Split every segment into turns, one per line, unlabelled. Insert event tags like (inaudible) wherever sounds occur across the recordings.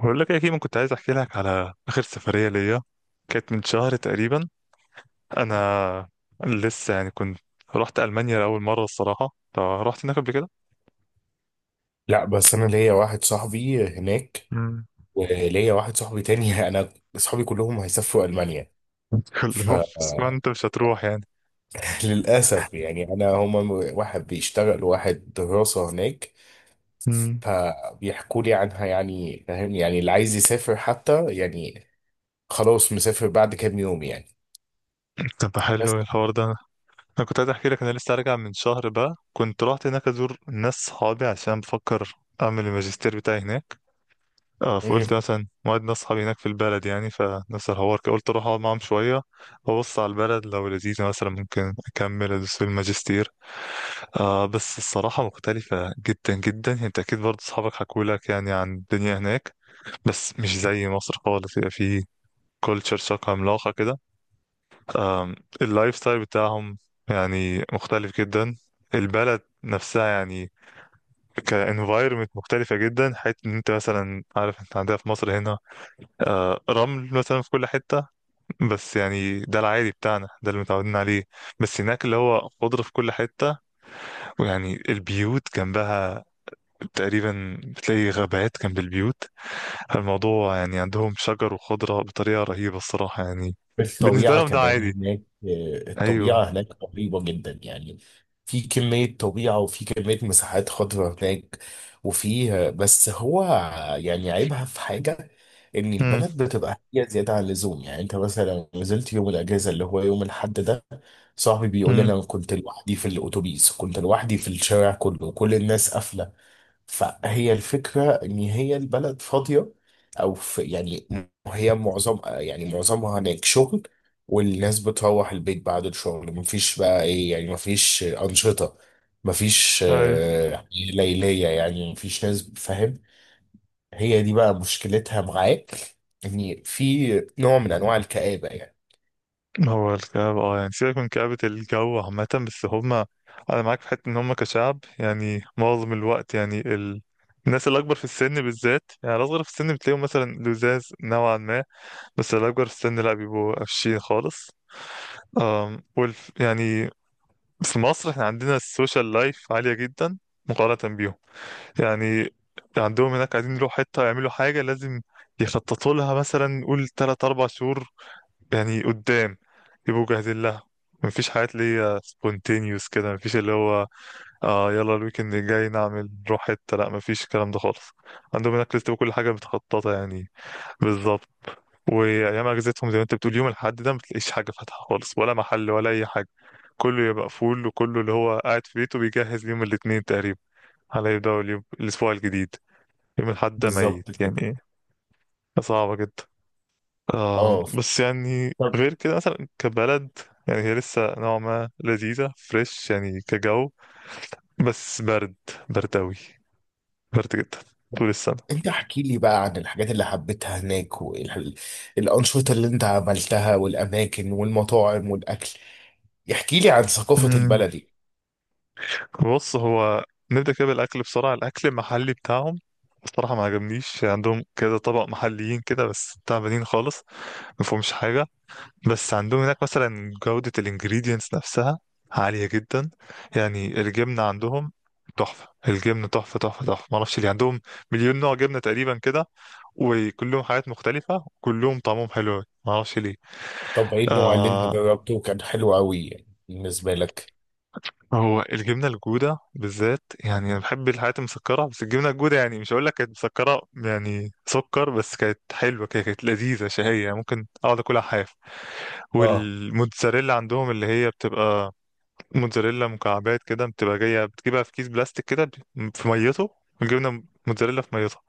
بقول لك يا كيمو، كنت عايز احكي لك على اخر سفريه ليا. كانت من شهر تقريبا. انا لسه يعني كنت رحت المانيا لاول مره الصراحه. فرحت هناك قبل كده.
لا، بس انا ليا واحد صاحبي هناك
مم.
وليا واحد صاحبي تاني. (laughs) انا اصحابي كلهم هيسافروا المانيا.
(laughs) كلهم، بس ما
فللاسف.
انت مش هتروح يعني.
(laughs) يعني انا هما واحد بيشتغل وواحد دراسة هناك.
امم
فبيحكوا لي عنها، يعني فاهم، يعني اللي عايز يسافر حتى يعني خلاص مسافر بعد كام يوم يعني.
طب حلو،
بس
إيه الحوار ده؟ انا كنت عايز احكي لك، انا لسه راجع من شهر بقى، كنت رحت هناك ازور ناس صحابي عشان بفكر اعمل الماجستير بتاعي هناك. اه فقلت مثلا موعد ناس صحابي هناك في البلد، يعني فنفس الحوار كده، قلت اروح اقعد معاهم شويه، ببص على البلد لو لذيذه مثلا ممكن اكمل ادوس في الماجستير. بس الصراحه مختلفه جدا جدا، يعني انت اكيد برضه صحابك حكوا لك يعني عن الدنيا هناك. بس مش زي مصر خالص، يبقى في كلتشر شوك عملاقه كده. آم، اللايف ستايل بتاعهم يعني مختلف جدا. البلد نفسها يعني كانفايرمنت مختلفة جدا، حيث ان انت مثلا عارف، انت عندنا في مصر هنا رمل مثلا في كل حتة، بس يعني ده العادي بتاعنا، ده اللي متعودين عليه. بس هناك اللي هو خضرة في كل حتة، ويعني البيوت جنبها تقريبا بتلاقي غابات جنب البيوت. الموضوع يعني عندهم شجر وخضرة بطريقة رهيبة الصراحة يعني. بالنسبة
الطبيعة
لهم ده
كمان
عادي.
هناك، الطبيعة
أيوة.
هناك رهيبة جدا يعني. في كمية طبيعة وفي كمية مساحات خضراء هناك. وفي بس هو يعني عيبها في حاجة، إن البلد بتبقى هي زيادة عن اللزوم. يعني أنت مثلا نزلت يوم الأجازة اللي هو يوم الحد ده، صاحبي بيقول لي
امم
أنا كنت لوحدي في الأتوبيس، كنت لوحدي في الشارع كله، كل الناس قافلة. فهي الفكرة إن هي البلد فاضية، أو في يعني هي معظمها هناك شغل. والناس بتروح البيت بعد الشغل، مفيش بقى إيه يعني، مفيش أنشطة، مفيش يعني ليلية، يعني مفيش ناس فاهم. هي دي بقى مشكلتها معاك، إن في نوع من أنواع الكآبة يعني.
هو الكآبة، يعني سيبك من كآبة الجو عامة، بس هما، أنا معاك في حتة إن هما كشعب يعني معظم الوقت، الناس الأكبر في السن بالذات، يعني الأصغر في السن بتلاقيهم مثلا لزاز نوعا ما، بس الأكبر في السن لأ، بيبقوا قفشين خالص. أم والف... يعني في مصر احنا عندنا السوشيال لايف عالية جدا مقارنة بيهم. يعني عندهم هناك عايزين يروحوا حتة يعملوا حاجة، لازم يخططوا لها مثلا، نقول تلات أربع شهور يعني قدام، يبقوا جاهزين لها. مفيش حاجات اللي هي سبونتينيوس كده، مفيش اللي هو يلا الويكند الجاي نعمل نروح حتة، لا مفيش الكلام ده خالص. عندهم هناك لسه كل حاجة متخططة يعني. بالظبط. وأيام أجازتهم زي ما أنت بتقول، يوم الأحد ده متلاقيش حاجة فاتحة خالص، ولا محل ولا أي حاجة. كله يبقى فول، وكله اللي هو قاعد في بيته بيجهز ليوم الاثنين تقريبا، على يبدأ اليوم الأسبوع الجديد. يوم الأحد ده ميت
بالظبط كده.
يعني. صعبة جدا.
اه،
بس يعني غير كده مثلا، كبلد يعني هي لسه نوعا ما لذيذة، فريش يعني كجو. بس برد، برد أوي، برد جدا طول السنة.
انت احكي لي بقى عن الحاجات اللي حبيتها هناك والانشطة اللي انت عملتها والاماكن والمطاعم والاكل. احكي لي عن ثقافة
مم.
البلد دي.
بص، هو نبدأ كده بالأكل بسرعة. الأكل المحلي بتاعهم الصراحة ما عجبنيش. عندهم كده طبق محليين كده بس تعبانين خالص، ما فيهمش حاجة. بس عندهم هناك مثلا جودة الانجريدينتس نفسها عالية جدا. يعني الجبنة عندهم تحفة. الجبنة تحفة تحفة تحفة، معرفش ليه. عندهم مليون نوع جبنة تقريبا كده، وكلهم حاجات مختلفة، وكلهم طعمهم حلو أوي. معرفش ليه.
طب ايه النوع اللي انت
آه
جربته كان حلو قوي يعني بالنسبة لك؟
هو الجبنة الجودة بالذات، يعني أنا بحب الحاجات المسكرة، بس الجبنة الجودة يعني مش هقول لك كانت مسكرة يعني سكر، بس كانت حلوة كده، كانت لذيذة شهية، يعني ممكن أقعد أكلها حاف.
اه.
والموتزاريلا عندهم، اللي هي بتبقى موتزاريلا مكعبات كده، بتبقى جاية، بتجيبها في كيس بلاستيك كده، في ميته، جبنة موتزاريلا في ميتها،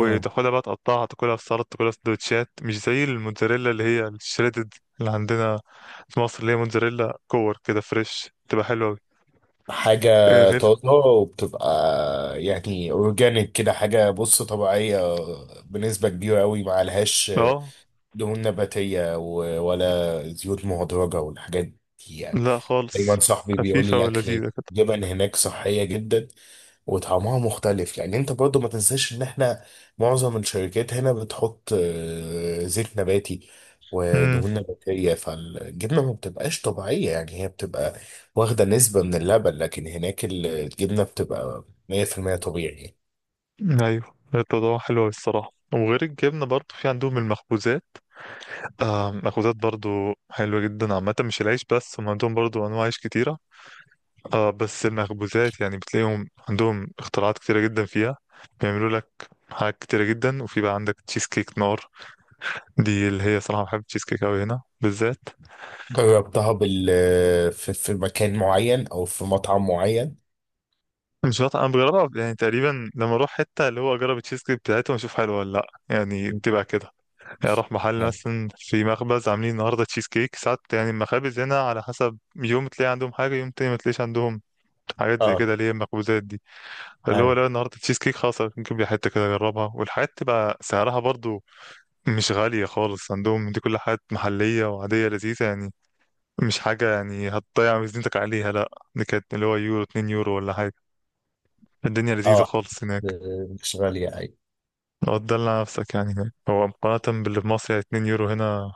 مم.
بقى تقطعها، تاكلها في سلطة، تاكلها في سندوتشات. مش زي الموتزاريلا اللي هي الشريدد اللي عندنا في مصر، اللي هي موتزاريلا كور كده، فريش، تبقى حلوة أوي.
حاجة
غير،
طازة وبتبقى يعني اورجانيك كده، حاجة بص طبيعية بنسبة كبيرة قوي معلهاش
اه
دهون نباتية ولا زيوت مهدرجة والحاجات دي يعني.
لا خالص،
دايما صاحبي بيقول لي
خفيفة
الاكل،
ولذيذة كده.
جبن هناك صحيه جدا، وطعمها مختلف، لان انت برضو ما تنساش ان احنا معظم الشركات هنا بتحط زيت نباتي
امم
ودهون نباتيه، فالجبنه ما بتبقاش طبيعيه، يعني هي بتبقى واخده نسبه من اللبن. لكن هناك الجبنه بتبقى 100% طبيعي.
ايوه، الموضوع حلو أوي الصراحة. وغير الجبنة برضو في عندهم المخبوزات. مخبوزات برضو حلوة جدا عامة، مش العيش بس، هم عندهم برضو أنواع عيش كتيرة. اه بس المخبوزات يعني بتلاقيهم عندهم اختراعات كتيرة جدا فيها، بيعملوا لك حاجات كتيرة جدا. وفي بقى عندك تشيز كيك نار، دي اللي هي صراحة بحب التشيز كيك أوي، هنا بالذات.
جربتها في مكان معين او في مطعم معين؟
مش عارف، أنا بجربها يعني تقريبا، لما أروح حتة اللي هو أجرب التشيز كيك بتاعتهم، أشوف حلوة ولا لأ. يعني بتبقى كده، يعني أروح محل
اه.
مثلا، في مخبز عاملين النهاردة تشيز كيك. ساعات يعني المخابز هنا على حسب، يوم تلاقي عندهم حاجة، يوم تاني ما تلاقيش عندهم حاجات زي
اه.
كده اللي هي المخبوزات، اللي هو
ايوه.
لا النهارده تشيز كيك خلاص نجيب لي حته كده اجربها. والحاجات تبقى سعرها برضو مش غاليه خالص عندهم. دي كل حاجات محليه وعاديه لذيذه يعني، مش حاجه يعني هتضيع ميزانيتك عليها، لا. دي كانت اللي هو يورو، 2 يورو ولا حاجه. الدنيا لذيذه
اه،
خالص هناك.
مش غاليه. ايوه.
لو تدلع نفسك يعني هناك، هو مقارنه باللي في مصر يعني، 2 يورو هنا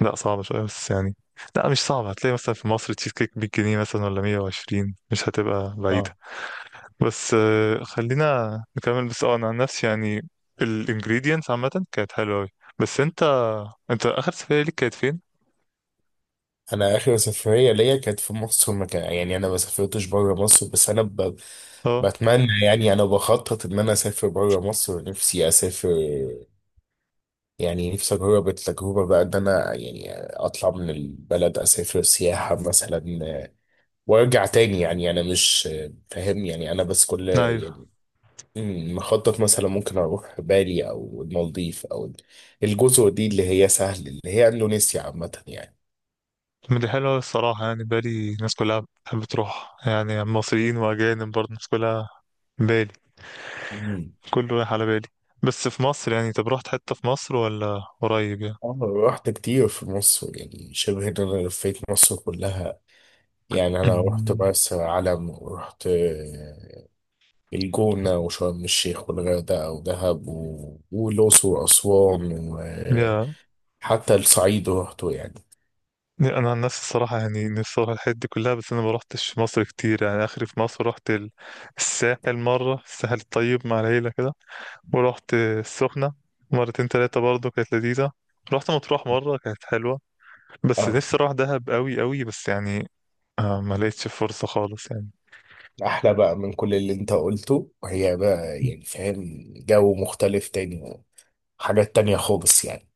لا صعبه شويه، بس يعني لا مش صعبه. هتلاقي مثلا في مصر تشيز كيك 100 جنيه مثلا، ولا 120، مش هتبقى
اه،
بعيده. بس خلينا نكمل. بس انا عن نفسي يعني الانجريدينتس عامة كانت حلوة أوي. بس انت اخر سفرية ليك كانت فين؟
انا اخر سفريه ليا كانت في مصر. ما كان يعني، انا ما سافرتش بره مصر، بس انا
اه
بتمنى يعني، انا بخطط ان انا اسافر بره مصر. نفسي اسافر يعني، نفسي اجرب التجربه بقى، ان انا يعني اطلع من البلد، اسافر سياحه مثلا وارجع تاني. يعني انا مش فاهم يعني، انا بس كل
ايوه،
يعني مخطط مثلا ممكن اروح بالي او المالديف او الجزر دي اللي هي سهل، اللي هي اندونيسيا عامه
من دي حلوة أوي الصراحة، يعني بالي الناس كلها بتحب تروح، يعني مصريين واجانب برضه، الناس كلها بالي،
يعني.
كله رايح على بالي. بس في مصر يعني، طب رحت حتة في مصر ولا قريب يعني؟
اه، رحت كتير في مصر. يعني شبه ان انا لفيت مصر كلها يعني. انا رحت مرسى علم ورحت الجونة وشرم الشيخ والغردقة ودهب والأقصر وأسوان،
(clears throat) يا،
وحتى الصعيد رحته يعني.
انا عن نفسي الصراحه يعني نفسي اروح الحته دي كلها، بس انا ما روحتش مصر كتير يعني. اخري في مصر رحت الساحل مره، الساحل الطيب مع العيله كده. ورحت السخنه مرتين تلاتة برضه، كانت لذيذه. رحت مطروح مره، كانت حلوه. بس
اه،
نفسي اروح دهب قوي قوي، بس يعني ما لقيتش فرصه خالص يعني.
أحلى بقى من كل اللي أنت قلته، وهي بقى يعني فاهم جو مختلف تاني، حاجات تانية خالص يعني.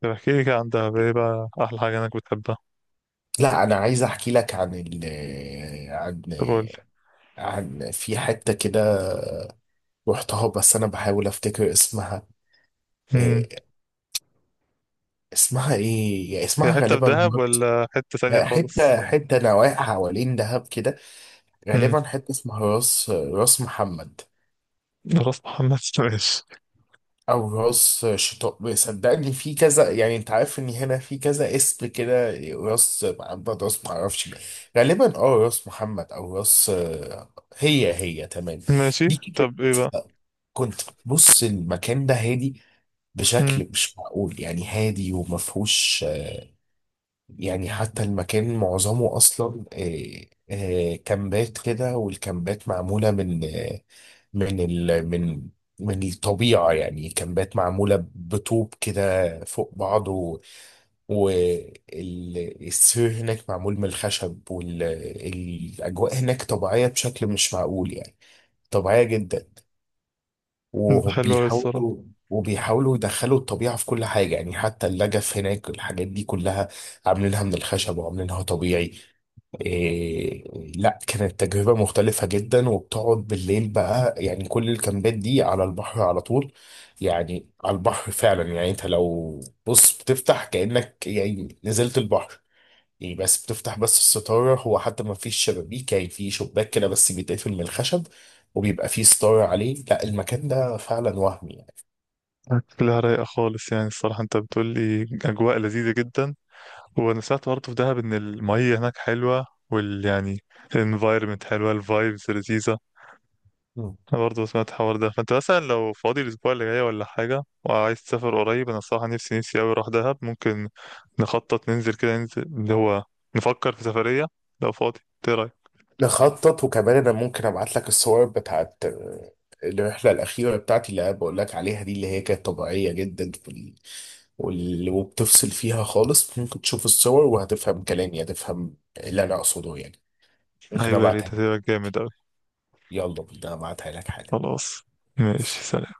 طب احكي لي كده عن دهب، ايه بقى احلى حاجه انك بتحبها؟
لا، أنا عايز أحكي لك عن ال آه، عن
طب قول
آه،
لي.
عن في حتة كده رحتها، بس انا بحاول افتكر اسمها
امم
إيه. اسمها ايه يعني،
هي
اسمها
حته في
غالبا
دهب
مرت.
ولا حته ثانيه
لا،
خالص؟
حته نواحي حوالين دهب كده،
امم
غالبا حته اسمها راس محمد،
راس محمد. (laughs) ماشي.
او راس شطاء. صدقني في كذا يعني، انت عارف ان هنا في كذا اسم كده، راس محمد، راس معرفش مين. غالبا اه راس محمد او راس، هي هي تمام
ماشي،
دي كده.
طب ايه بقى؟
كنت بص المكان ده هادي بشكل مش معقول، يعني هادي وما فيهوش يعني. حتى المكان معظمه اصلا كامبات كده، والكامبات معموله من آه، من ال من من الطبيعه يعني. كامبات معموله بطوب كده فوق بعض، والسور هناك معمول من الخشب، والاجواء هناك طبيعيه بشكل مش معقول يعني. طبيعيه جدا.
حلوة أوي الصراحة.
وبيحاولوا وبيحاولوا يدخلوا الطبيعة في كل حاجة، يعني حتى اللجف هناك، الحاجات دي كلها عاملينها من الخشب وعاملينها طبيعي. إيه. لا، كانت تجربة مختلفة جدا. وبتقعد بالليل بقى يعني، كل الكامبات دي على البحر على طول، يعني على البحر فعلا يعني. انت لو بص بتفتح كأنك يعني نزلت البحر، يعني بس بتفتح بس الستارة. هو حتى ما فيش شبابيك يعني، في شباك كده بس بيتقفل من الخشب، وبيبقى فيه ستارة عليه. لا، المكان ده فعلا وهمي يعني.
شكلها رايقة خالص يعني الصراحة، أنت بتقول لي أجواء لذيذة جدا. وأنا سمعت برضه في دهب إن المية هناك حلوة، وال يعني الانفايرمنت حلوة، الفايبز لذيذة.
مم.
أنا برضه سمعت الحوار ده، فأنت مثلا لو فاضي الأسبوع اللي جاي ولا حاجة وعايز تسافر قريب، أنا الصراحة نفسي نفسي أوي أروح دهب. ممكن نخطط ننزل كده، ننزل اللي هو نفكر في سفرية لو فاضي. إيه رأيك؟
نخطط. وكمان انا ممكن ابعت لك الصور بتاعت الرحلة الأخيرة بتاعتي اللي أنا بقول لك عليها دي، اللي هي كانت طبيعية جدا وبتفصل فيها خالص. ممكن تشوف الصور وهتفهم كلامي، هتفهم اللي أنا أقصده يعني. ممكن
أيوة يا
أبعتها لك.
ريت، هتبقى جامد أوي.
يلا بينا أبعتها لك حالا.
خلاص، ماشي، سلام.